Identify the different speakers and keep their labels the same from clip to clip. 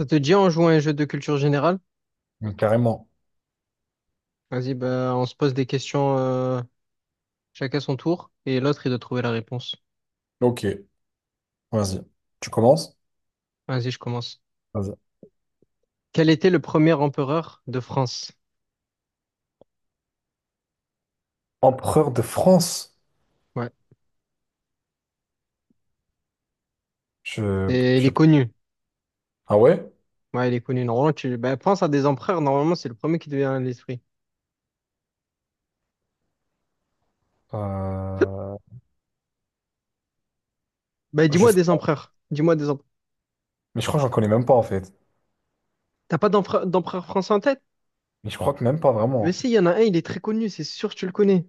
Speaker 1: Ça te dit, on joue à un jeu de culture générale?
Speaker 2: Mm, carrément.
Speaker 1: Vas-y, bah, on se pose des questions chacun son tour et l'autre, il doit trouver la réponse.
Speaker 2: Ok, vas-y. Tu commences?
Speaker 1: Vas-y, je commence.
Speaker 2: Vas-y.
Speaker 1: Quel était le premier empereur de France?
Speaker 2: Empereur de France?
Speaker 1: Ouais,
Speaker 2: Je,
Speaker 1: et
Speaker 2: je
Speaker 1: il est
Speaker 2: sais pas.
Speaker 1: connu.
Speaker 2: Ah ouais?
Speaker 1: Ouais, il est connu. Normalement, tu bah, pense à des empereurs. Normalement, c'est le premier qui te vient à l'esprit.
Speaker 2: Euh,
Speaker 1: Bah,
Speaker 2: je
Speaker 1: dis-moi
Speaker 2: sais
Speaker 1: des
Speaker 2: pas.
Speaker 1: empereurs. Dis-moi des empereurs.
Speaker 2: Mais je crois que j'en connais même pas en fait.
Speaker 1: T'as pas d'empereur français en tête?
Speaker 2: Mais je crois que même pas
Speaker 1: Mais
Speaker 2: vraiment.
Speaker 1: si, il y en a un, il est très connu, c'est sûr que tu le connais.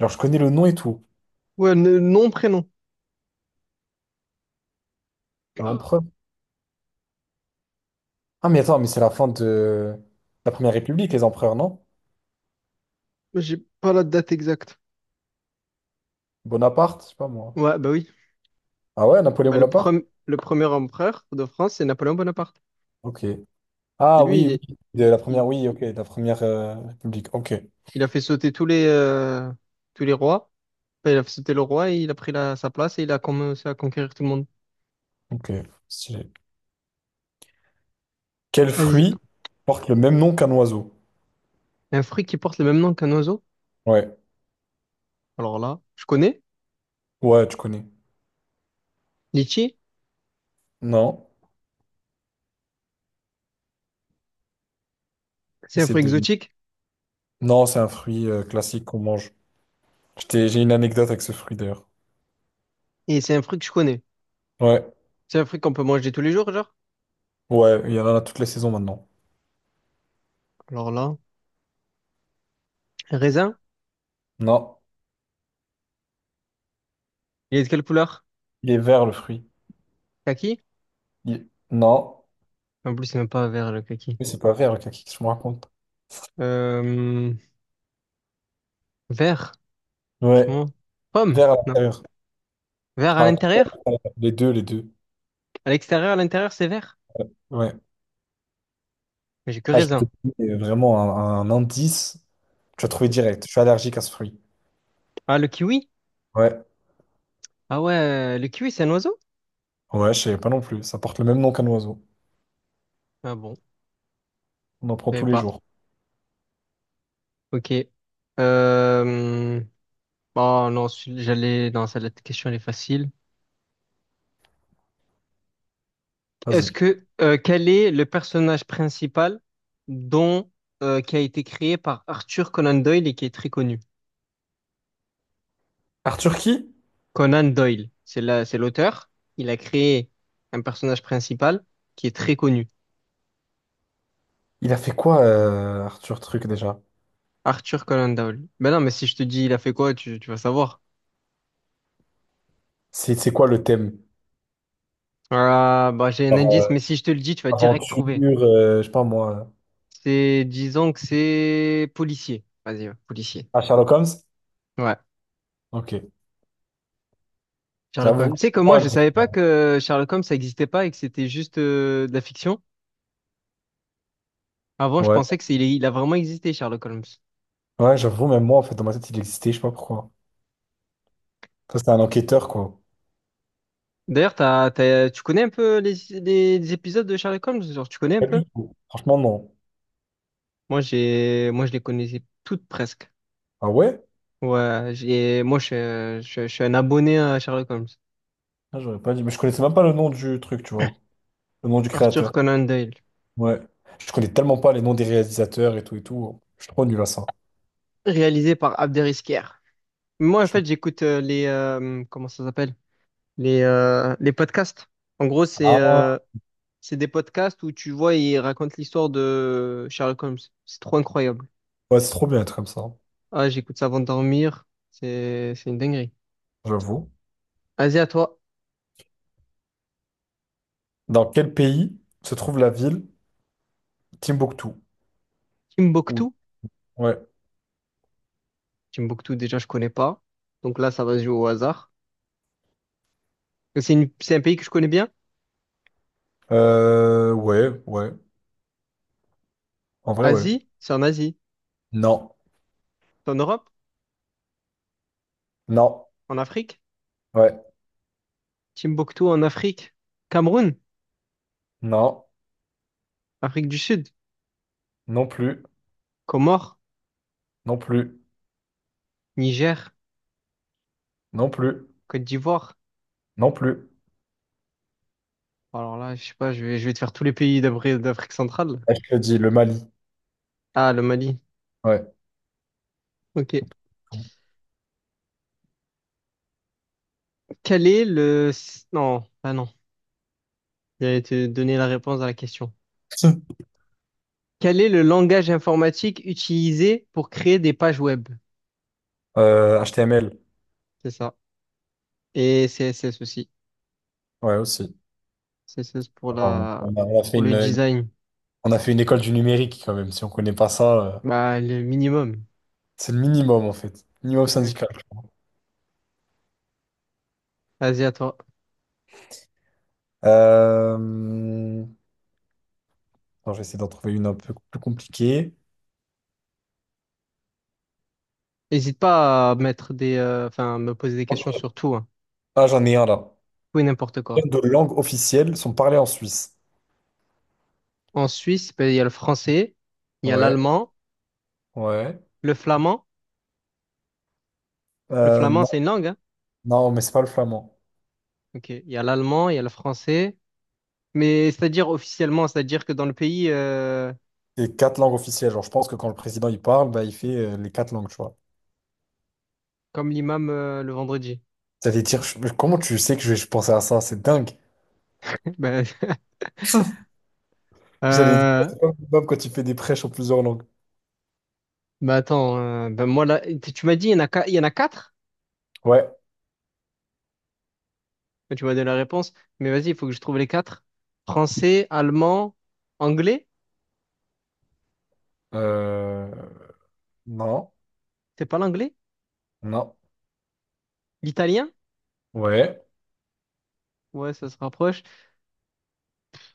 Speaker 2: Genre, je connais le nom et tout.
Speaker 1: Ouais, le nom, prénom.
Speaker 2: L'empereur. Ah, mais attends, mais c'est la fin de la Première République, les empereurs, non?
Speaker 1: J'ai pas la date exacte.
Speaker 2: Bonaparte? Je sais pas moi.
Speaker 1: Ouais, bah oui.
Speaker 2: Ah ouais, Napoléon
Speaker 1: Bah,
Speaker 2: Bonaparte?
Speaker 1: le premier empereur de France, c'est Napoléon Bonaparte.
Speaker 2: Ok.
Speaker 1: C'est
Speaker 2: Ah
Speaker 1: lui,
Speaker 2: oui, oui. De la première,
Speaker 1: il,
Speaker 2: oui, ok. De la Première République. Ok.
Speaker 1: il a fait sauter tous les rois. Enfin, il a fait sauter le roi et il a pris la, sa place et il a commencé à conquérir tout le monde.
Speaker 2: Ok. Stylé. Quel
Speaker 1: Vas-y.
Speaker 2: fruit porte le même nom qu'un oiseau?
Speaker 1: Un fruit qui porte le même nom qu'un oiseau.
Speaker 2: Ouais.
Speaker 1: Alors là, je connais.
Speaker 2: Ouais, tu connais.
Speaker 1: Litchi,
Speaker 2: Non,
Speaker 1: c'est un
Speaker 2: essaie
Speaker 1: fruit
Speaker 2: de deviner.
Speaker 1: exotique
Speaker 2: Non, c'est un fruit classique qu'on mange. J'ai une anecdote avec ce fruit d'ailleurs.
Speaker 1: et c'est un fruit que je connais.
Speaker 2: Ouais,
Speaker 1: C'est un fruit qu'on peut manger tous les jours, genre.
Speaker 2: ouais, il y en a toutes les saisons maintenant.
Speaker 1: Alors là, raisin,
Speaker 2: Non,
Speaker 1: il est de quelle couleur?
Speaker 2: il est vert le fruit.
Speaker 1: Kaki?
Speaker 2: Non,
Speaker 1: En plus, c'est même pas vert le kaki.
Speaker 2: mais c'est pas vert le kaki, je me raconte.
Speaker 1: Euh, Vert,
Speaker 2: Ouais,
Speaker 1: franchement. Pomme,
Speaker 2: vert à
Speaker 1: non.
Speaker 2: l'intérieur.
Speaker 1: Vert à
Speaker 2: À l'intérieur.
Speaker 1: l'intérieur?
Speaker 2: Les deux, les deux.
Speaker 1: À l'extérieur, à l'intérieur, c'est vert.
Speaker 2: Ouais.
Speaker 1: Mais j'ai que
Speaker 2: Ah, je te
Speaker 1: raisin.
Speaker 2: dis vraiment un indice. Tu as trouvé direct. Je suis allergique à ce fruit.
Speaker 1: Ah, le kiwi?
Speaker 2: Ouais,
Speaker 1: Ah ouais, le kiwi, c'est un oiseau?
Speaker 2: ouais, je savais pas non plus. Ça porte le même nom qu'un oiseau.
Speaker 1: Ah bon, je
Speaker 2: On en prend
Speaker 1: savais
Speaker 2: tous les
Speaker 1: pas.
Speaker 2: jours.
Speaker 1: Ok. Euh... Oh non, j'allais... Non, ça, la question, elle est facile. Est-ce
Speaker 2: Vas-y.
Speaker 1: que... quel est le personnage principal dont... qui a été créé par Arthur Conan Doyle et qui est très connu?
Speaker 2: Arthur qui?
Speaker 1: Conan Doyle, c'est la... c'est l'auteur. Il a créé un personnage principal qui est très connu.
Speaker 2: Il a fait quoi, Arthur Truc, déjà?
Speaker 1: Arthur Conan Doyle. Ben non, mais si je te dis il a fait quoi, tu vas savoir.
Speaker 2: C'est quoi le thème?
Speaker 1: Ah, bah j'ai un
Speaker 2: Genre,
Speaker 1: indice, mais si je te le dis, tu vas direct trouver.
Speaker 2: aventure, je sais pas moi.
Speaker 1: C'est, disons que c'est policier. Vas-y, ouais, policier.
Speaker 2: Ah, Sherlock Holmes?
Speaker 1: Ouais.
Speaker 2: Ok.
Speaker 1: Sherlock
Speaker 2: J'avoue.
Speaker 1: Holmes. Tu sais que moi,
Speaker 2: Ouais,
Speaker 1: je savais pas que Sherlock Holmes, ça existait pas et que c'était juste de la fiction. Avant, je
Speaker 2: ouais,
Speaker 1: pensais que c'est, il a vraiment existé, Sherlock Holmes.
Speaker 2: ouais, j'avoue, même moi, en fait, dans ma tête, il existait, je sais pas pourquoi. Ça, c'était un enquêteur, quoi.
Speaker 1: D'ailleurs, tu connais un peu les, les épisodes de Sherlock Holmes? Genre, tu connais un
Speaker 2: Pas
Speaker 1: peu?
Speaker 2: du tout. Franchement, non.
Speaker 1: Moi, je les connaissais toutes presque.
Speaker 2: Ah ouais?
Speaker 1: Ouais, suis je suis un abonné à Sherlock Holmes.
Speaker 2: Ah, j'aurais pas dit. Mais je connaissais même pas le nom du truc, tu vois. Le nom du
Speaker 1: Arthur
Speaker 2: créateur.
Speaker 1: Conan Doyle,
Speaker 2: Ouais. Je connais tellement pas les noms des réalisateurs et tout et tout. Je suis trop nul à ça.
Speaker 1: réalisé par Abderrykher. Moi,
Speaker 2: Je
Speaker 1: en
Speaker 2: suis-
Speaker 1: fait, j'écoute les, comment ça s'appelle? Les podcasts. En gros,
Speaker 2: Ah,
Speaker 1: c'est des podcasts où tu vois, ils racontent l'histoire de Sherlock Holmes. C'est trop incroyable.
Speaker 2: ouais, c'est trop bien être comme ça.
Speaker 1: Ah, j'écoute ça avant de dormir. C'est une dinguerie.
Speaker 2: J'avoue.
Speaker 1: Vas-y, à toi.
Speaker 2: Dans quel pays se trouve la ville? Timbuktu. Ou-
Speaker 1: Timbuktu.
Speaker 2: Ouais.
Speaker 1: Timbuktu, déjà, je connais pas. Donc là, ça va se jouer au hasard. Mais c'est un pays que je connais bien.
Speaker 2: Ouais, ouais. En vrai, ouais.
Speaker 1: Asie.
Speaker 2: Non.
Speaker 1: C'est en Europe,
Speaker 2: Non.
Speaker 1: en Afrique.
Speaker 2: Ouais.
Speaker 1: Timbuktu en Afrique. Cameroun,
Speaker 2: Non.
Speaker 1: Afrique du Sud.
Speaker 2: Non plus.
Speaker 1: Comores,
Speaker 2: Non plus.
Speaker 1: Niger,
Speaker 2: Non plus.
Speaker 1: Côte d'Ivoire.
Speaker 2: Non plus.
Speaker 1: Alors là, je sais pas, je vais te faire tous les pays d'Afrique centrale.
Speaker 2: Ah, je te le dis, le Mali.
Speaker 1: Ah, le Mali.
Speaker 2: Ouais.
Speaker 1: Ok. Quel est le... Non, ah non. J'allais te donner la réponse à la question. Quel est le langage informatique utilisé pour créer des pages web?
Speaker 2: HTML.
Speaker 1: C'est ça. Et CSS aussi.
Speaker 2: Ouais, aussi.
Speaker 1: CSS pour
Speaker 2: Enfin,
Speaker 1: la...
Speaker 2: on a fait
Speaker 1: pour le design.
Speaker 2: on a fait une école du numérique quand même. Si on connaît pas ça,
Speaker 1: Bah, le minimum.
Speaker 2: c'est le minimum en fait. Minimum
Speaker 1: Exact.
Speaker 2: syndical.
Speaker 1: Vas-y, à toi.
Speaker 2: Euh... attends, je vais essayer d'en trouver une un peu plus compliquée.
Speaker 1: N'hésite pas à mettre des... Enfin, me poser des questions
Speaker 2: Ok.
Speaker 1: sur tout. Hein.
Speaker 2: Ah, j'en ai un là.
Speaker 1: Tout et n'importe quoi.
Speaker 2: Combien de langues officielles sont parlées en Suisse?
Speaker 1: En Suisse, ben, il y a le français, il y a
Speaker 2: Ouais,
Speaker 1: l'allemand,
Speaker 2: ouais.
Speaker 1: le flamand. Le
Speaker 2: Euh,
Speaker 1: flamand,
Speaker 2: non,
Speaker 1: c'est une langue, hein?
Speaker 2: non, mais c'est pas le flamand.
Speaker 1: Ok. Il y a l'allemand, il y a le français. Mais c'est-à-dire officiellement, c'est-à-dire que dans le pays,
Speaker 2: C'est quatre langues officielles. Genre, je pense que quand le président il parle, bah, il fait les quatre langues, tu vois.
Speaker 1: comme l'imam le vendredi.
Speaker 2: Mais comment tu sais que je vais penser à ça? C'est dingue.
Speaker 1: Ben,
Speaker 2: J'allais dire,
Speaker 1: euh,
Speaker 2: c'est comme quand tu fais des prêches en plusieurs langues.
Speaker 1: ben attends, ben moi là, tu m'as dit il y en a, il y en a quatre?
Speaker 2: Ouais.
Speaker 1: Ben, tu m'as donné la réponse, mais vas-y, il faut que je trouve les quatre. Français, allemand, anglais,
Speaker 2: Euh, non,
Speaker 1: c'est pas l'anglais?
Speaker 2: non.
Speaker 1: L'italien?
Speaker 2: Ouais.
Speaker 1: Ouais, ça se rapproche.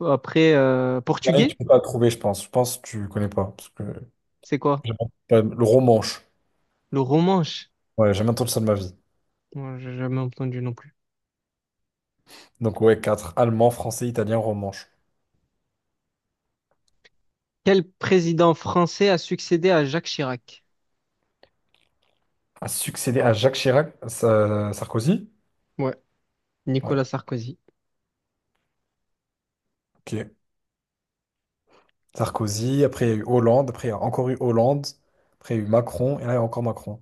Speaker 1: Après,
Speaker 2: Il y en a une, tu
Speaker 1: portugais,
Speaker 2: peux pas trouver, je pense. Je pense que tu connais pas. Parce que
Speaker 1: c'est quoi?
Speaker 2: j'ai pas- le romanche.
Speaker 1: Le romanche?
Speaker 2: Ouais, j'ai jamais entendu ça de ma vie.
Speaker 1: Moi, j'ai jamais entendu non plus.
Speaker 2: Donc, ouais, quatre. Allemand, français, italien, romanche.
Speaker 1: Quel président français a succédé à Jacques Chirac?
Speaker 2: A succédé à Jacques Chirac, Sarkozy?
Speaker 1: Ouais,
Speaker 2: Ouais,
Speaker 1: Nicolas Sarkozy.
Speaker 2: ok. Sarkozy, après il y a eu Hollande, après il y a encore eu Hollande, après il y a eu Macron, et là il y a encore Macron.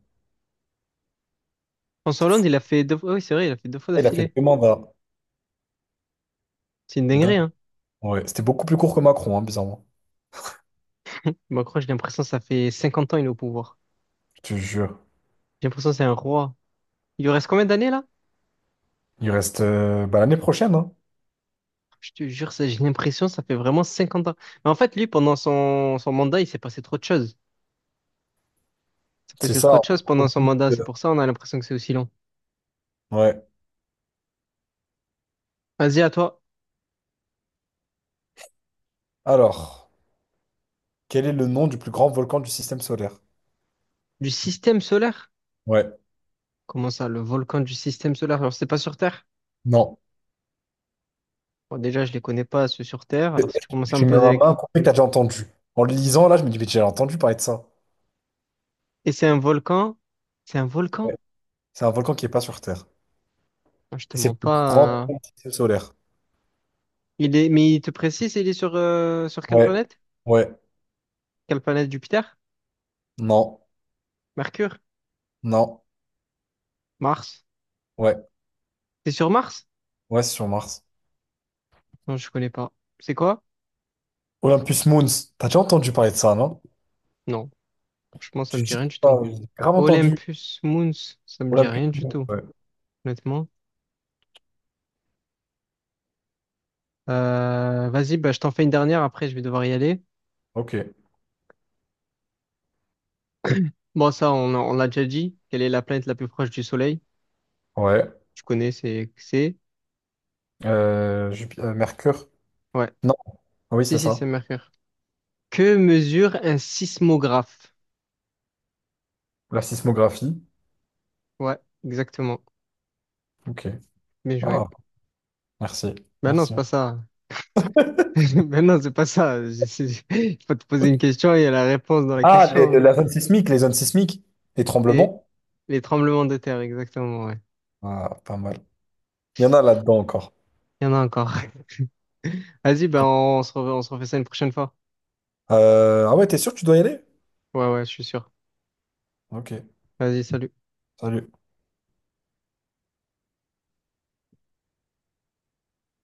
Speaker 1: François
Speaker 2: C'est
Speaker 1: Hollande,
Speaker 2: fou.
Speaker 1: il a fait deux fois, oui, c'est vrai, il a fait deux fois
Speaker 2: Il a fait
Speaker 1: d'affilée.
Speaker 2: deux mandats.
Speaker 1: C'est une
Speaker 2: Dingue.
Speaker 1: dinguerie, hein.
Speaker 2: Ouais, c'était beaucoup plus court que Macron, hein, bizarrement.
Speaker 1: Macron, j'ai l'impression que ça fait 50 ans il est au pouvoir.
Speaker 2: Je te jure.
Speaker 1: J'ai l'impression que c'est un roi. Il lui reste combien d'années là?
Speaker 2: Il reste bah, l'année prochaine, hein.
Speaker 1: Je te jure, ça, j'ai l'impression que ça fait vraiment 50 ans. Mais en fait, lui, pendant son mandat, il s'est passé trop de choses. Il s'est
Speaker 2: C'est
Speaker 1: passé trop
Speaker 2: ça.
Speaker 1: de choses
Speaker 2: On
Speaker 1: pendant son
Speaker 2: profite,
Speaker 1: mandat. C'est pour ça on a l'impression que c'est aussi long.
Speaker 2: ouais.
Speaker 1: Vas-y, à toi.
Speaker 2: Alors, quel est le nom du plus grand volcan du système solaire?
Speaker 1: Du système solaire?
Speaker 2: Ouais.
Speaker 1: Comment ça, le volcan du système solaire? Alors, c'est pas sur Terre?
Speaker 2: Non.
Speaker 1: Bon, déjà, je les connais pas, ceux sur Terre. Alors, si tu commences à me
Speaker 2: Je mets
Speaker 1: poser
Speaker 2: ma main
Speaker 1: avec...
Speaker 2: coupée que t'as déjà entendu. En le lisant, là, je me dis, mais j'ai déjà entendu parler de ça.
Speaker 1: Et c'est un volcan? C'est un volcan?
Speaker 2: Ouais. C'est un volcan qui est pas sur Terre.
Speaker 1: Moi, je te
Speaker 2: Et c'est
Speaker 1: mens
Speaker 2: le plus
Speaker 1: pas,
Speaker 2: grand
Speaker 1: hein.
Speaker 2: volcan du système solaire.
Speaker 1: Il est, mais il te précise, il est sur, sur quelle
Speaker 2: Ouais.
Speaker 1: planète?
Speaker 2: Ouais.
Speaker 1: Quelle planète? Jupiter?
Speaker 2: Non.
Speaker 1: Mercure?
Speaker 2: Non.
Speaker 1: Mars?
Speaker 2: Ouais.
Speaker 1: C'est sur Mars?
Speaker 2: Ouais, c'est sur Mars.
Speaker 1: Non, je connais pas. C'est quoi?
Speaker 2: Olympus Mons, t'as déjà entendu parler de ça, non?
Speaker 1: Non, franchement, ça
Speaker 2: J'ai
Speaker 1: me dit
Speaker 2: déjà
Speaker 1: rien du tout.
Speaker 2: pas- j'ai grave entendu.
Speaker 1: Olympus Mons, ça me dit
Speaker 2: Olympus
Speaker 1: rien du
Speaker 2: Mons.
Speaker 1: tout,
Speaker 2: Ouais,
Speaker 1: honnêtement. Vas-y, bah, je t'en fais une dernière, après je vais devoir y aller.
Speaker 2: ok.
Speaker 1: Bon, ça, on l'a déjà dit. Quelle est la planète la plus proche du Soleil?
Speaker 2: Ouais.
Speaker 1: Tu connais, c'est-
Speaker 2: Mercure.
Speaker 1: Ouais.
Speaker 2: Non, ah oui,
Speaker 1: Si,
Speaker 2: c'est
Speaker 1: si, c'est
Speaker 2: ça.
Speaker 1: Mercure. Que mesure un sismographe?
Speaker 2: La sismographie.
Speaker 1: Ouais, exactement.
Speaker 2: Ok.
Speaker 1: Bien joué.
Speaker 2: Ah, merci.
Speaker 1: Bah non, c'est
Speaker 2: Merci.
Speaker 1: pas ça. Mais non, c'est pas ça. Je- c'est- Il faut te poser une question et il y a la réponse dans la
Speaker 2: Ah,
Speaker 1: question, hein.
Speaker 2: la zone sismique, les zones sismiques, les
Speaker 1: Les,
Speaker 2: tremblements.
Speaker 1: les tremblements de terre, exactement, ouais.
Speaker 2: Ah, pas mal. Il y en a là-dedans encore.
Speaker 1: Il y en a encore. Vas-y, ben on se refait ça une prochaine fois.
Speaker 2: Ah ouais, t'es sûr que tu dois y aller?
Speaker 1: Ouais, ouais, je suis sûr.
Speaker 2: Ok.
Speaker 1: Vas-y, salut.
Speaker 2: Salut.